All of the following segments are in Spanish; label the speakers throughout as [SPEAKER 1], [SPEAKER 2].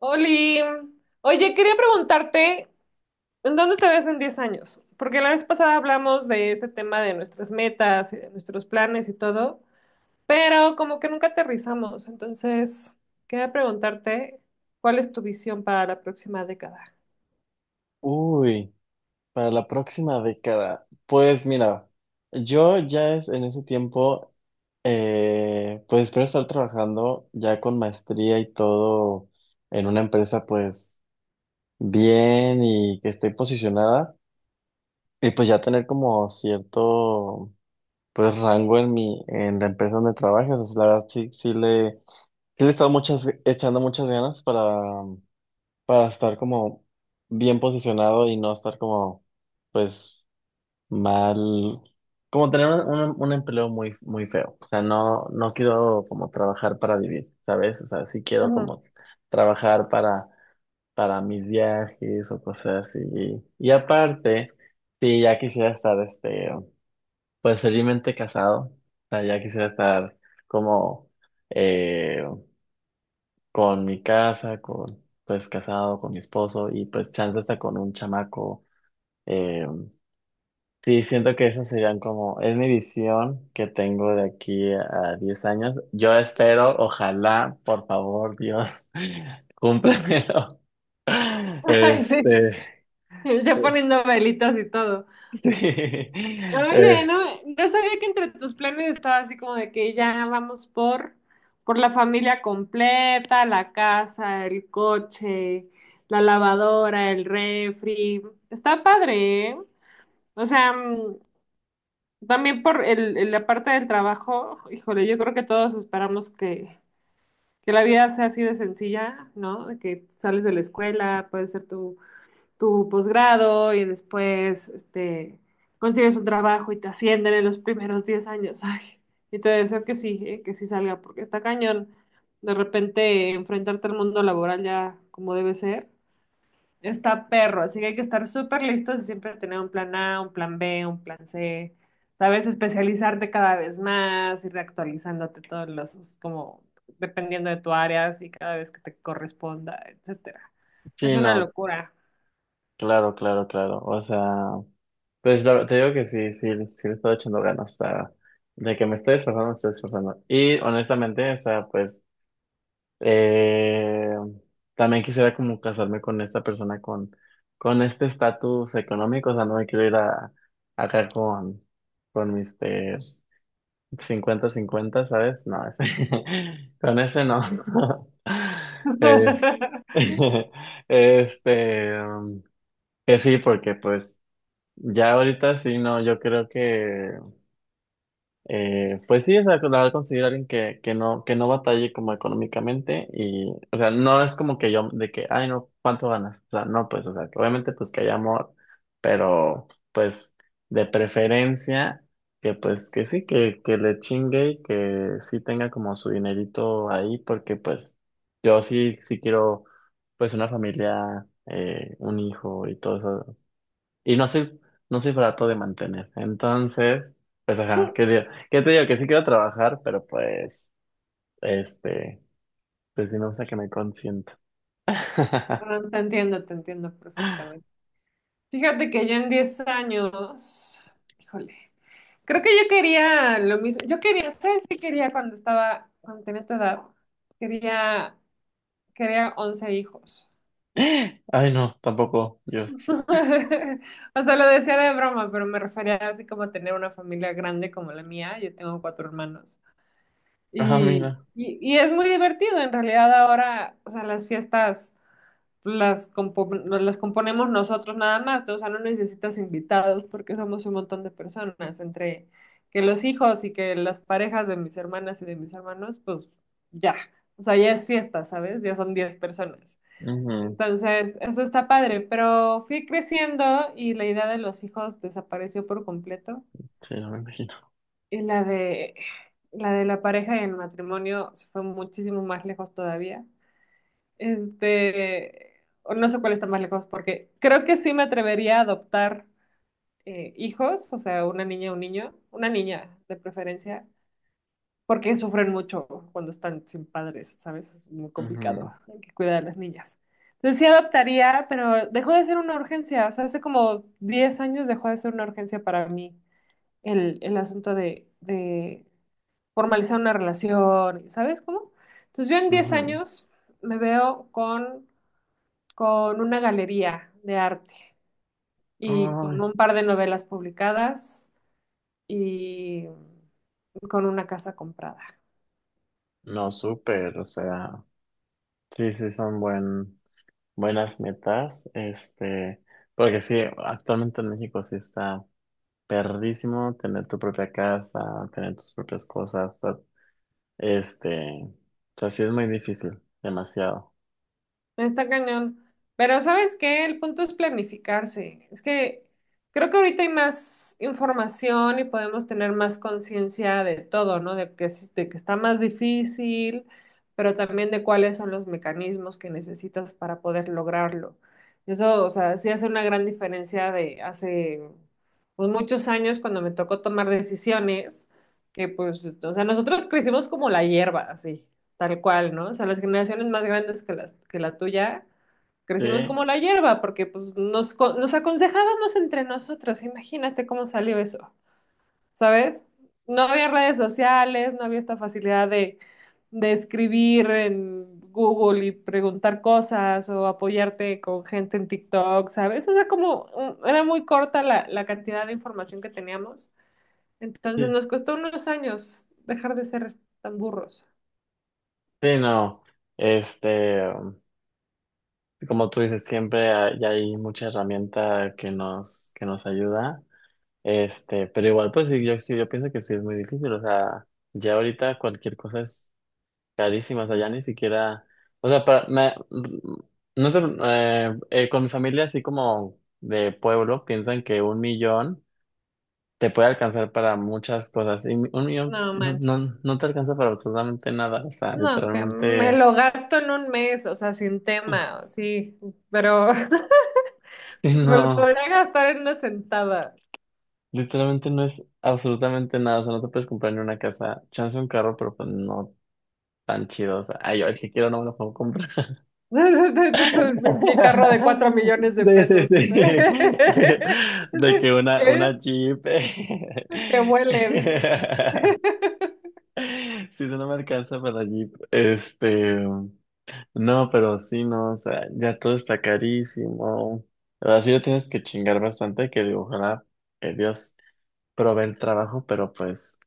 [SPEAKER 1] Oli, oye, quería preguntarte, ¿en dónde te ves en 10 años? Porque la vez pasada hablamos de este tema de nuestras metas y de nuestros planes y todo, pero como que nunca aterrizamos. Entonces, quería preguntarte, ¿cuál es tu visión para la próxima década?
[SPEAKER 2] Uy, para la próxima década. Pues mira, yo ya es en ese tiempo, pues espero estar trabajando ya con maestría y todo en una empresa pues bien y que esté posicionada y pues ya tener como cierto pues rango en la empresa donde trabajas. O sea, la verdad sí, sí le he estado echando muchas ganas para estar como bien posicionado y no estar como pues mal, como tener un empleo muy, muy feo. O sea, no, no quiero como trabajar para vivir, ¿sabes? O sea, sí quiero
[SPEAKER 1] Ujú.
[SPEAKER 2] como trabajar para mis viajes o cosas así. Y aparte, sí, ya quisiera estar, pues felizmente casado. O sea, ya quisiera estar como eh, con mi casa, pues casado, con mi esposo y pues chance hasta con un chamaco. eh, Sí, siento que esas serían como, es mi visión que tengo de aquí a 10 años. Yo espero, ojalá, por favor, Dios, cúmplemelo.
[SPEAKER 1] Ay, sí,
[SPEAKER 2] Este,
[SPEAKER 1] ya poniendo velitas y todo.
[SPEAKER 2] sí,
[SPEAKER 1] Oye,
[SPEAKER 2] eh,
[SPEAKER 1] no, no sabía que entre tus planes estaba así como de que ya vamos por la familia completa, la casa, el coche, la lavadora, el refri. Está padre, ¿eh? O sea, también por la parte del trabajo, híjole, yo creo que todos esperamos que la vida sea así de sencilla, ¿no? De que sales de la escuela, puedes ser tu posgrado y después consigues un trabajo y te ascienden en los primeros 10 años. Ay, y te deseo que sí salga, porque está cañón. De repente enfrentarte al mundo laboral ya como debe ser. Está perro, así que hay que estar súper listos y siempre tener un plan A, un plan B, un plan C. Sabes, especializarte cada vez más, ir actualizándote todos los, como dependiendo de tu área, y cada vez que te corresponda, etcétera. Es
[SPEAKER 2] sí,
[SPEAKER 1] una
[SPEAKER 2] no,
[SPEAKER 1] locura.
[SPEAKER 2] claro, claro, claro. O sea, pues te digo que sí, sí, sí le estoy echando ganas, o sea, de que me estoy esforzando, me estoy esforzando. Y honestamente, o sea, pues Eh, también quisiera como casarme con esta persona con este estatus económico, o sea, no me quiero ir acá con mis cincuenta 50 ¿sabes? No, con ese no. Eh, Este, um, que sí, porque pues ya ahorita sí, no, yo creo que pues sí, o sea, la verdad conseguir a alguien que no batalle como económicamente y, o sea, no es como que yo, de que, ay, no, ¿cuánto ganas? O sea, no, pues, o sea, que obviamente pues que haya amor, pero pues de preferencia que pues que sí, que le chingue y que sí tenga como su dinerito ahí, porque pues yo sí, sí quiero pues una familia, un hijo y todo eso, y no soy, no soy barato de mantener. Entonces, pues ajá, ¿qué digo? ¿Qué te digo? Que sí quiero trabajar, pero pues, este, pues sí me gusta que me consienta.
[SPEAKER 1] No, te entiendo, te entiendo perfectamente. Fíjate que yo en 10 años, híjole, creo que yo quería lo mismo. Yo quería, ¿sabes qué quería cuando estaba, cuando tenía tu edad? Quería, quería 11 hijos.
[SPEAKER 2] Ay, no, tampoco, Dios.
[SPEAKER 1] O sea, lo decía de broma, pero me refería así como a tener una familia grande como la mía. Yo tengo 4 hermanos.
[SPEAKER 2] Ah,
[SPEAKER 1] Y,
[SPEAKER 2] mira.
[SPEAKER 1] y, y es muy divertido, en realidad ahora, o sea, las fiestas. Las, las componemos nosotros nada más, ¿no? O sea, no necesitas invitados porque somos un montón de personas, entre que los hijos y que las parejas de mis hermanas y de mis hermanos, pues ya, o sea, ya es fiesta, ¿sabes? Ya son 10 personas.
[SPEAKER 2] Ujú,
[SPEAKER 1] Entonces, eso está padre, pero fui creciendo y la idea de los hijos desapareció por completo
[SPEAKER 2] sí, no me imagino.
[SPEAKER 1] y la de la pareja y el matrimonio se fue muchísimo más lejos todavía. Este, o no sé cuál está más lejos, porque creo que sí me atrevería a adoptar hijos, o sea, una niña, un niño, una niña de preferencia, porque sufren mucho cuando están sin padres, ¿sabes? Es muy
[SPEAKER 2] Ujú,
[SPEAKER 1] complicado, hay que cuidar a las niñas. Entonces sí adoptaría, pero dejó de ser una urgencia, o sea, hace como 10 años dejó de ser una urgencia para mí el asunto de formalizar una relación, ¿sabes cómo? Entonces yo en 10
[SPEAKER 2] ujú.
[SPEAKER 1] años me veo con una galería de arte y con
[SPEAKER 2] Ay,
[SPEAKER 1] un par de novelas publicadas y con una casa comprada.
[SPEAKER 2] no, súper, o sea, sí, sí, son buen, buenas metas, porque sí, actualmente en México sí está perrísimo tener tu propia casa, tener tus propias cosas, o sea, o sea, sí es muy difícil, demasiado.
[SPEAKER 1] Está cañón. Pero ¿sabes qué? El punto es planificarse. Es que creo que ahorita hay más información y podemos tener más conciencia de todo, ¿no? De que, de que está más difícil, pero también de cuáles son los mecanismos que necesitas para poder lograrlo. Eso, o sea, sí hace una gran diferencia de hace pues, muchos años cuando me tocó tomar decisiones, que pues, o sea, nosotros crecimos como la hierba, así tal cual, ¿no? O sea, las generaciones más grandes que las, que la tuya,
[SPEAKER 2] Sí,
[SPEAKER 1] crecimos como la hierba, porque pues nos, nos aconsejábamos entre nosotros, imagínate cómo salió eso, ¿sabes? No había redes sociales, no había esta facilidad de escribir en Google y preguntar cosas o apoyarte con gente en TikTok, ¿sabes? O sea, como era muy corta la cantidad de información que teníamos, entonces
[SPEAKER 2] sí,
[SPEAKER 1] nos costó unos años dejar de ser tan burros.
[SPEAKER 2] sí, no. Este, um, Como tú dices, siempre hay mucha herramienta que nos ayuda. Pero igual, pues sí, yo pienso que sí es muy difícil. O sea, ya ahorita cualquier cosa es carísimas, allá ni siquiera, o sea, para, me- no te- con mi familia así como de pueblo piensan que un millón te puede alcanzar para muchas cosas y un millón
[SPEAKER 1] No
[SPEAKER 2] no,
[SPEAKER 1] manches.
[SPEAKER 2] no, no te alcanza para absolutamente nada, o sea,
[SPEAKER 1] No, que me
[SPEAKER 2] literalmente,
[SPEAKER 1] lo gasto en un mes, o sea, sin tema, sí, pero
[SPEAKER 2] sí,
[SPEAKER 1] me lo
[SPEAKER 2] no,
[SPEAKER 1] podría gastar en una sentada.
[SPEAKER 2] literalmente no es absolutamente nada, o sea, no te puedes comprar ni una casa, chance un carro, pero pues no tan chido, o sea, ay, yo el que quiero no me lo puedo comprar. Sí,
[SPEAKER 1] Mi carro de cuatro millones de
[SPEAKER 2] sí,
[SPEAKER 1] pesos, dice.
[SPEAKER 2] sí. De
[SPEAKER 1] Dice,
[SPEAKER 2] que una,
[SPEAKER 1] ¿qué?
[SPEAKER 2] una Jeep.
[SPEAKER 1] Que huele, dice.
[SPEAKER 2] Si no me alcanza para Jeep. No, pero sí, no. O sea, ya todo está carísimo. Así lo tienes que chingar bastante. Que digo, ojalá que Dios provee el trabajo, pero pues.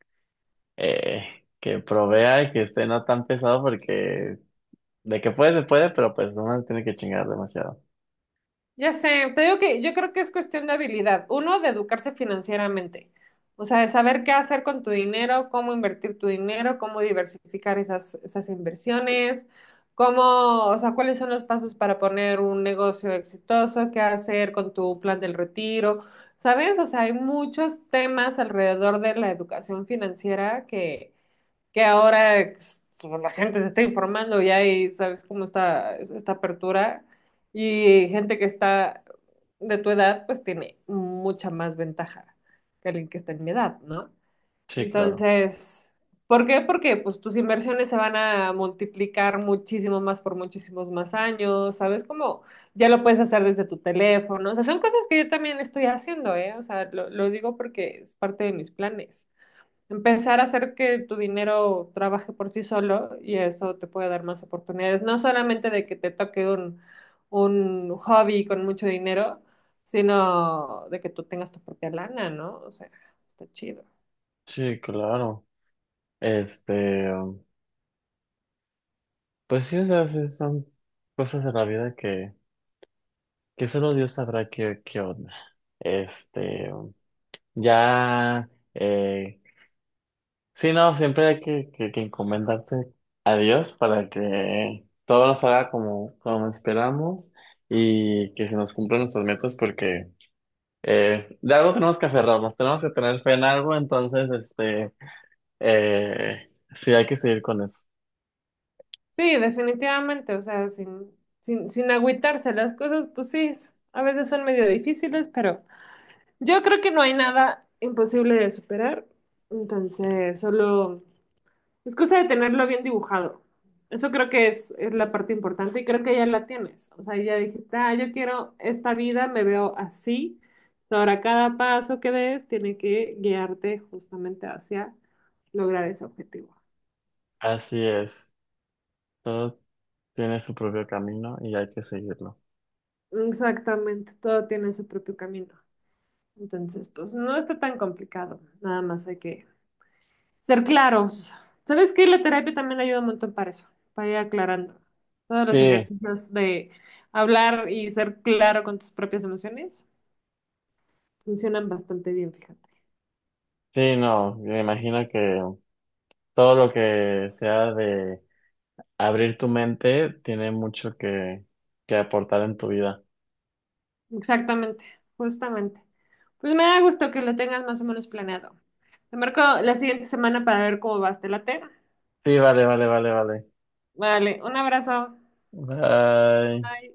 [SPEAKER 2] eh, que provea y que esté no tan pesado, porque de que puede, se puede, pero pues uno tiene que chingar demasiado.
[SPEAKER 1] Ya sé, te digo que yo creo que es cuestión de habilidad. Uno, de educarse financieramente. O sea, de saber qué hacer con tu dinero, cómo invertir tu dinero, cómo diversificar esas, esas inversiones, cómo, o sea, cuáles son los pasos para poner un negocio exitoso, qué hacer con tu plan del retiro. ¿Sabes? O sea, hay muchos temas alrededor de la educación financiera que ahora pues, la gente se está informando ya y hay, sabes cómo está esta apertura y gente que está de tu edad pues tiene mucha más ventaja que alguien que está en mi edad, ¿no?
[SPEAKER 2] Sí, claro.
[SPEAKER 1] Entonces, ¿por qué? Porque pues tus inversiones se van a multiplicar muchísimo más por muchísimos más años, ¿sabes? Como ya lo puedes hacer desde tu teléfono, o sea, son cosas que yo también estoy haciendo, ¿eh? O sea, lo digo porque es parte de mis planes empezar a hacer que tu dinero trabaje por sí solo y eso te puede dar más oportunidades, no solamente de que te toque un hobby con mucho dinero, sino de que tú tengas tu propia lana, ¿no? O sea, está chido.
[SPEAKER 2] Sí, claro. Este, pues sí, o sea, sí son cosas de la vida que solo Dios sabrá qué, qué onda. Este, ya, sí, no, siempre hay que encomendarte a Dios para que todo nos haga como, como esperamos y que se nos cumplan nuestros metas porque de algo tenemos que aferrarnos, tenemos que tener fe en algo, entonces, eh, sí, hay que seguir con eso.
[SPEAKER 1] Sí, definitivamente, o sea, sin agüitarse las cosas, pues sí, a veces son medio difíciles, pero yo creo que no hay nada imposible de superar, entonces solo... Es cosa de tenerlo bien dibujado. Eso creo que es la parte importante y creo que ya la tienes. O sea, ya dijiste, ah, yo quiero esta vida, me veo así. Ahora cada paso que des tiene que guiarte justamente hacia lograr ese objetivo.
[SPEAKER 2] Así es. Todo tiene su propio camino y hay que seguirlo.
[SPEAKER 1] Exactamente, todo tiene su propio camino. Entonces, pues no está tan complicado. Nada más hay que ser claros. ¿Sabes qué? La terapia también ayuda un montón para eso, para ir aclarando. Todos los
[SPEAKER 2] Sí,
[SPEAKER 1] ejercicios de hablar y ser claro con tus propias emociones funcionan bastante bien, fíjate.
[SPEAKER 2] sí, no, me imagino que todo lo que sea de abrir tu mente tiene mucho que aportar en tu vida.
[SPEAKER 1] Exactamente, justamente. Pues me da gusto que lo tengas más o menos planeado. Te marco la siguiente semana para ver cómo vas, ¿te late?
[SPEAKER 2] Sí, vale, vale, vale, vale.
[SPEAKER 1] Vale, un abrazo.
[SPEAKER 2] Bye.
[SPEAKER 1] Bye.